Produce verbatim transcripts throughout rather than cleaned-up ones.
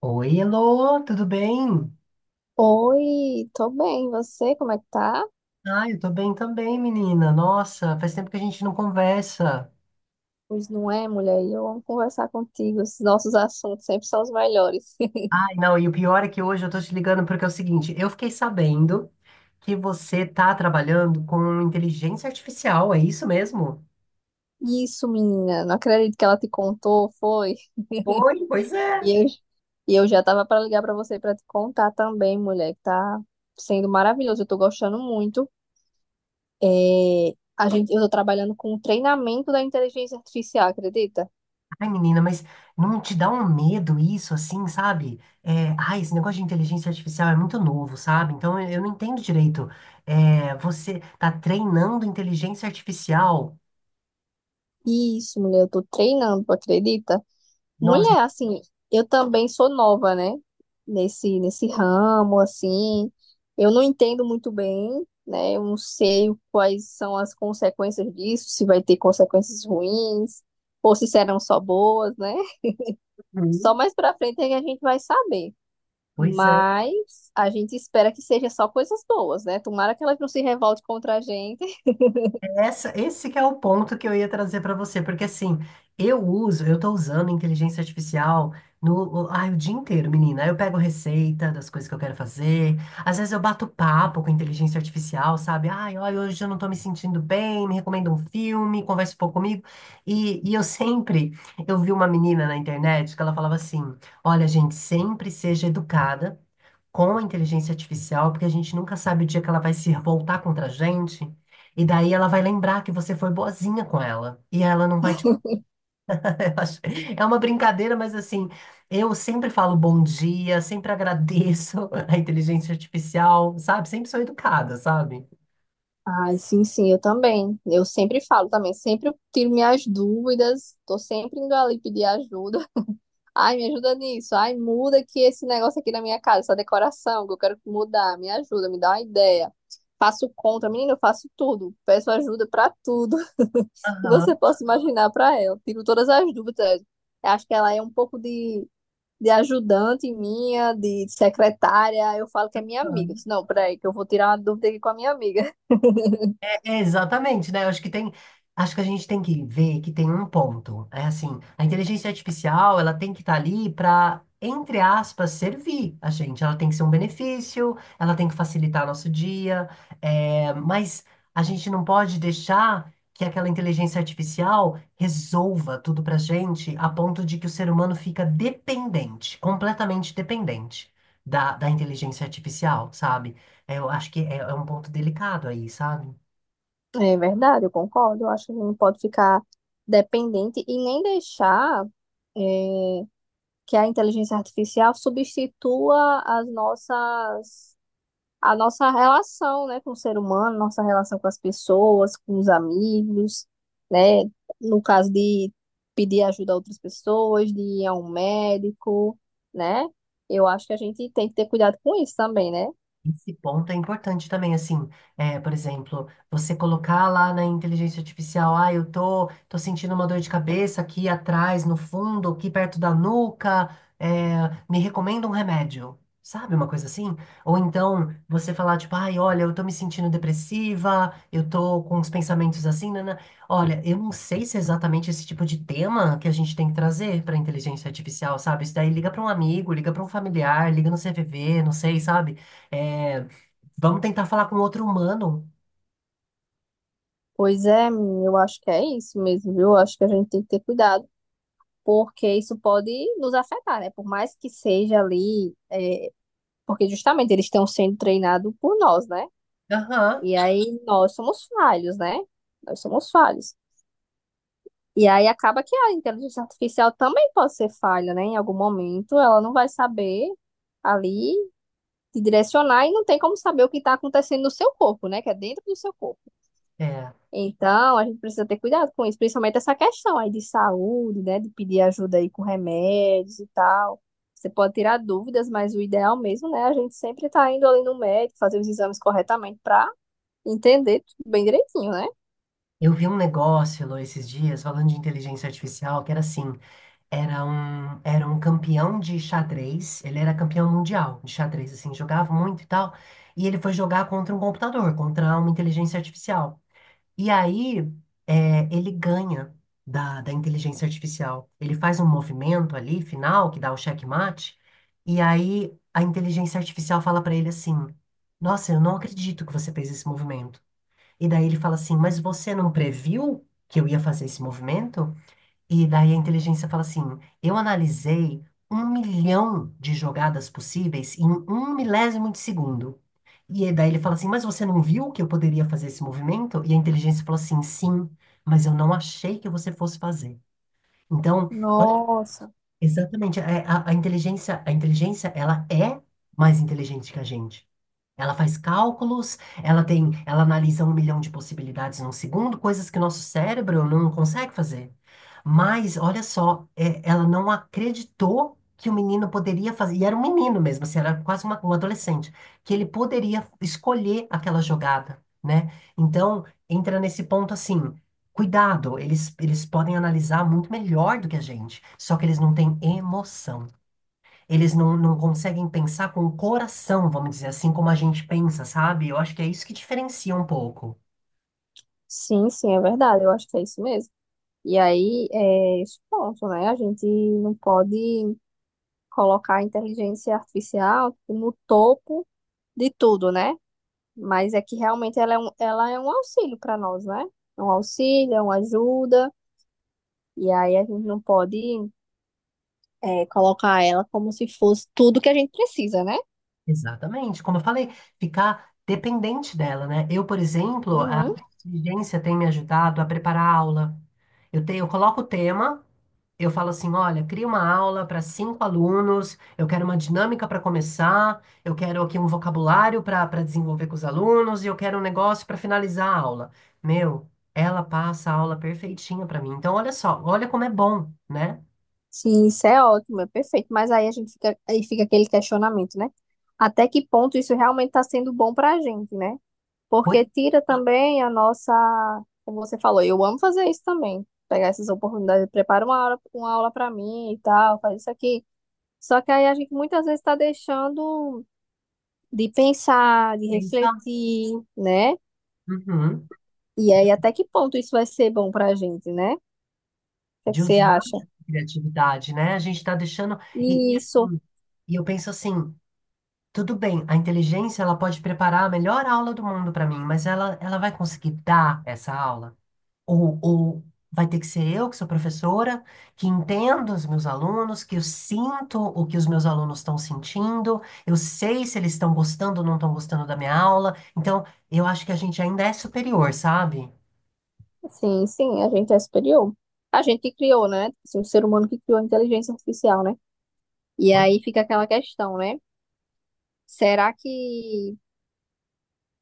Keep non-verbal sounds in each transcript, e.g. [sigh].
Oi, Elô, tudo bem? Oi, tô bem. E você, como é que tá? Ah, eu tô bem também, menina. Nossa, faz tempo que a gente não conversa. Pois não é, mulher? Eu amo conversar contigo. Os nossos assuntos sempre são os melhores. [laughs] Ai, não, e o pior é que hoje eu tô te ligando porque é o seguinte, eu fiquei sabendo que você tá trabalhando com inteligência artificial, é isso mesmo? Isso, menina. Não acredito que ela te contou, foi? Oi, pois é. E eu, e eu já tava pra ligar pra você pra te contar também, mulher, que tá sendo maravilhoso. Eu tô gostando muito. É, a gente, eu tô trabalhando com o treinamento da inteligência artificial, acredita? Ai, menina, mas não te dá um medo isso, assim, sabe? É, ai, esse negócio de inteligência artificial é muito novo, sabe? Então eu eu não entendo direito. É, você tá treinando inteligência artificial? Isso, mulher. Eu tô treinando, tu acredita? Nossa. Mulher, assim, eu também sou nova, né? Nesse, nesse ramo, assim. Eu não entendo muito bem, né? Eu não sei quais são as consequências disso, se vai ter consequências ruins, ou se serão só boas, né? [laughs] Só mais pra frente é que a gente vai saber. Pois é, Mas a gente espera que seja só coisas boas, né? Tomara que elas não se revolte contra a gente. [laughs] essa, esse que é o ponto que eu ia trazer para você, porque assim, eu uso, eu tô usando inteligência artificial no, o- ai, o dia inteiro, menina. Aí eu pego receita das coisas que eu quero fazer, às vezes eu bato papo com inteligência artificial, sabe? Ai, olha, hoje eu não tô me sentindo bem, me recomenda um filme, conversa um pouco comigo. E, e eu sempre, eu vi uma menina na internet que ela falava assim, olha, gente, sempre seja educada, com a inteligência artificial, porque a gente nunca sabe o dia que ela vai se revoltar contra a gente, e daí ela vai lembrar que você foi boazinha com ela, e ela não vai te. [laughs] Eu acho- É uma brincadeira, mas assim, eu sempre falo bom dia, sempre agradeço [laughs] a inteligência artificial, sabe? Sempre sou educada, sabe? Ai, sim, sim, eu também. Eu sempre falo também, sempre tiro minhas dúvidas, tô sempre indo ali pedir ajuda. Ai, me ajuda nisso. Ai, muda aqui esse negócio aqui na minha casa, essa decoração que eu quero mudar. Me ajuda, me dá uma ideia. Faço contra, menina, eu faço tudo. Peço ajuda pra tudo [laughs] que você possa imaginar pra ela. Tiro todas as dúvidas. Eu acho que ela é um pouco de, de ajudante minha, de secretária. Eu falo que é minha amiga. Eu Aham. disse, não, peraí, que eu vou tirar uma dúvida aqui com a minha amiga. [laughs] É, exatamente, né? Eu acho que tem, acho que a gente tem que ver que tem um ponto. É assim, a inteligência artificial, ela tem que estar ali para, entre aspas, servir a gente. Ela tem que ser um benefício, ela tem que facilitar nosso dia, é, mas a gente não pode deixar que aquela inteligência artificial resolva tudo pra gente a ponto de que o ser humano fica dependente, completamente dependente da, da inteligência artificial, sabe? É, eu acho que é é um ponto delicado aí, sabe? É verdade, eu concordo. Eu acho que não pode ficar dependente e nem deixar. eh, que é a inteligência artificial substitua as nossas, a nossa relação, né, com o ser humano, nossa relação com as pessoas, com os amigos, né, no caso de pedir ajuda a outras pessoas, de ir a um médico, né? Eu acho que a gente tem que ter cuidado com isso também, né? Esse ponto é importante também, assim, é, por exemplo, você colocar lá na inteligência artificial, ah, eu tô, tô sentindo uma dor de cabeça aqui atrás, no fundo, aqui perto da nuca, é, me recomenda um remédio, sabe, uma coisa assim? Ou então, você falar, tipo, ai, olha, eu tô me sentindo depressiva, eu tô com os pensamentos assim, né? Olha, eu não sei se é exatamente esse tipo de tema que a gente tem que trazer para inteligência artificial, sabe? Isso daí liga para um amigo, liga para um familiar, liga no C V V, não sei, sabe? É, vamos tentar falar com outro humano. Pois é, menina, eu acho que é isso mesmo, viu? Eu acho que a gente tem que ter cuidado, porque isso pode nos afetar, né? Por mais que seja ali, é, porque justamente eles estão sendo treinados por nós, né? Aham. E aí nós somos falhos, né? Nós somos falhos. E aí acaba que a inteligência artificial também pode ser falha, né? Em algum momento ela não vai saber ali te direcionar e não tem como saber o que está acontecendo no seu corpo, né? Que é dentro do seu corpo. É, Então a gente precisa ter cuidado com isso, principalmente essa questão aí de saúde, né? De pedir ajuda aí com remédios e tal. Você pode tirar dúvidas, mas o ideal mesmo, né? A gente sempre tá indo ali no médico, fazer os exames corretamente para entender tudo bem direitinho, né? eu vi um negócio, Lô, esses dias, falando de inteligência artificial, que era assim, era um, era um campeão de xadrez, ele era campeão mundial de xadrez, assim, jogava muito e tal, e ele foi jogar contra um computador, contra uma inteligência artificial. E aí, é, ele ganha da, da inteligência artificial. Ele faz um movimento ali, final, que dá o checkmate, e aí a inteligência artificial fala para ele assim: Nossa, eu não acredito que você fez esse movimento. E daí ele fala assim: mas você não previu que eu ia fazer esse movimento? E daí a inteligência fala assim: eu analisei um milhão de jogadas possíveis em um milésimo de segundo. E aí daí ele fala assim: mas você não viu que eu poderia fazer esse movimento? E a inteligência falou assim: sim, mas eu não achei que você fosse fazer. Então, olha, Nossa, exatamente, é, a, a inteligência, a inteligência, ela é mais inteligente que a gente. Ela faz cálculos, ela tem, ela analisa um milhão de possibilidades num segundo, coisas que nosso cérebro não consegue fazer. Mas, olha só, é, ela não acreditou que o menino poderia fazer, e era um menino mesmo, assim, era quase uma, um adolescente, que ele poderia escolher aquela jogada, né? Então, entra nesse ponto assim, cuidado, eles, eles podem analisar muito melhor do que a gente, só que eles não têm emoção. Eles não, não conseguem pensar com o coração, vamos dizer assim, como a gente pensa, sabe? Eu acho que é isso que diferencia um pouco. sim, sim, é verdade, eu acho que é isso mesmo. E aí é esse ponto, né? A gente não pode colocar a inteligência artificial no topo de tudo, né? Mas é que realmente ela é um, ela é um auxílio para nós, né? É um auxílio, é uma ajuda, e aí a gente não pode é, colocar ela como se fosse tudo que a gente precisa, né? Exatamente. Como eu falei, ficar dependente dela, né? Eu, por exemplo, a Uhum. inteligência tem me ajudado a preparar a aula. Eu, te, eu coloco o tema. Eu falo assim, olha, cria uma aula para cinco alunos, eu quero uma dinâmica para começar, eu quero aqui um vocabulário para para desenvolver com os alunos e eu quero um negócio para finalizar a aula. Meu, ela passa a aula perfeitinha para mim. Então, olha só, olha como é bom, né? Sim, isso é ótimo, é perfeito. Mas aí a gente fica, aí fica aquele questionamento, né? Até que ponto isso realmente está sendo bom para a gente, né? Pois Porque tira também a nossa, como você falou, eu amo fazer isso também, pegar essas oportunidades, prepara uma aula, uma aula para mim e tal, faz isso aqui. Só que aí a gente muitas vezes está deixando de pensar, de pensa, refletir, né? uhum, E aí até que ponto isso vai ser bom para a gente, né? O que é que de você usar acha? a criatividade, né? A gente está deixando e, e Isso. assim, e eu penso assim, tudo bem, a inteligência ela pode preparar a melhor aula do mundo para mim, mas ela ela vai conseguir dar essa aula? Ou, ou vai ter que ser eu, que sou professora, que entendo os meus alunos, que eu sinto o que os meus alunos estão sentindo, eu sei se eles estão gostando ou não estão gostando da minha aula. Então, eu acho que a gente ainda é superior, sabe? Sim, sim, a gente é superior. A gente que criou, né? Assim, o ser humano que criou a inteligência artificial, né? E Pois, aí fica aquela questão, né? Será que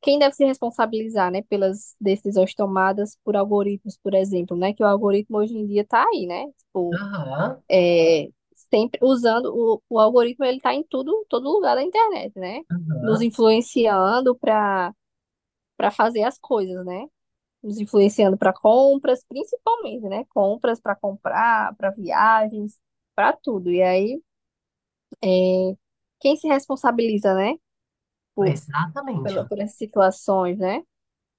quem deve se responsabilizar, né, pelas decisões tomadas por algoritmos, por exemplo, né? Que o algoritmo hoje em dia tá aí, né? Tipo, aham, é, sempre usando o, o algoritmo, ele tá em tudo, todo lugar da internet, né? Nos aham, influenciando para para fazer as coisas, né? Nos influenciando para compras, principalmente, né? Compras para comprar, para viagens, para tudo. E aí, é, quem se responsabiliza, né? Por, pela- exatamente. por essas situações, né?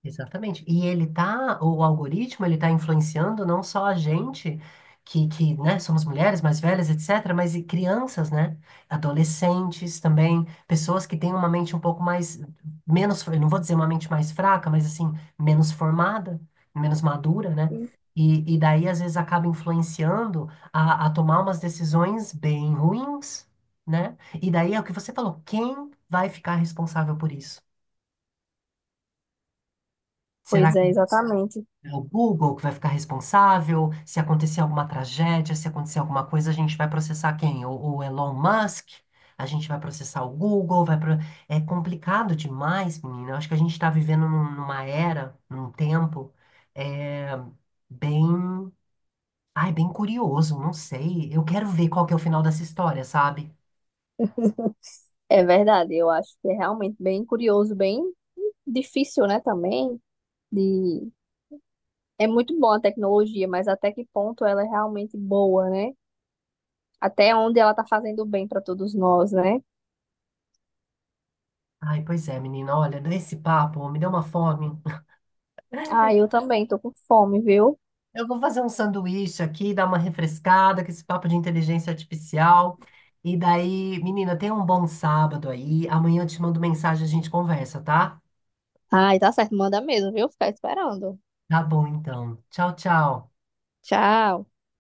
Exatamente. E ele tá, o algoritmo, ele tá influenciando não só a gente, que, que, né, somos mulheres mais velhas, etcétera, mas e crianças, né? Adolescentes também, pessoas que têm uma mente um pouco mais, menos, eu não vou dizer uma mente mais fraca, mas assim, menos formada, menos madura, né? E, e daí, às vezes, acaba influenciando a, a tomar umas decisões bem ruins, né? E daí é o que você falou, quem vai ficar responsável por isso? Será Pois é, exatamente. É o Google que vai ficar responsável. Se acontecer alguma tragédia, se acontecer alguma coisa, a gente vai processar quem? O, o Elon Musk? A gente vai processar o Google? Vai pro... É complicado demais, menina. Eu acho que a gente está vivendo num- numa era, num tempo, é, bem. Ai, bem curioso, não sei. Eu quero ver qual que é o final dessa história, sabe? É verdade. Eu acho que é realmente bem curioso, bem difícil, né? Também de é muito boa a tecnologia, mas até que ponto ela é realmente boa, né? Até onde ela tá fazendo bem para todos nós, né? Ai, pois é, menina. Olha, esse papo me deu uma fome. Ah, eu também tô com fome, viu? Eu vou fazer um sanduíche aqui, dar uma refrescada com esse papo de inteligência artificial. E daí, menina, tenha um bom sábado aí. Amanhã eu te mando mensagem, a gente conversa, tá? Ai, tá certo, manda mesmo, viu? Ficar esperando. Tá bom, então. Tchau, tchau. Tchau.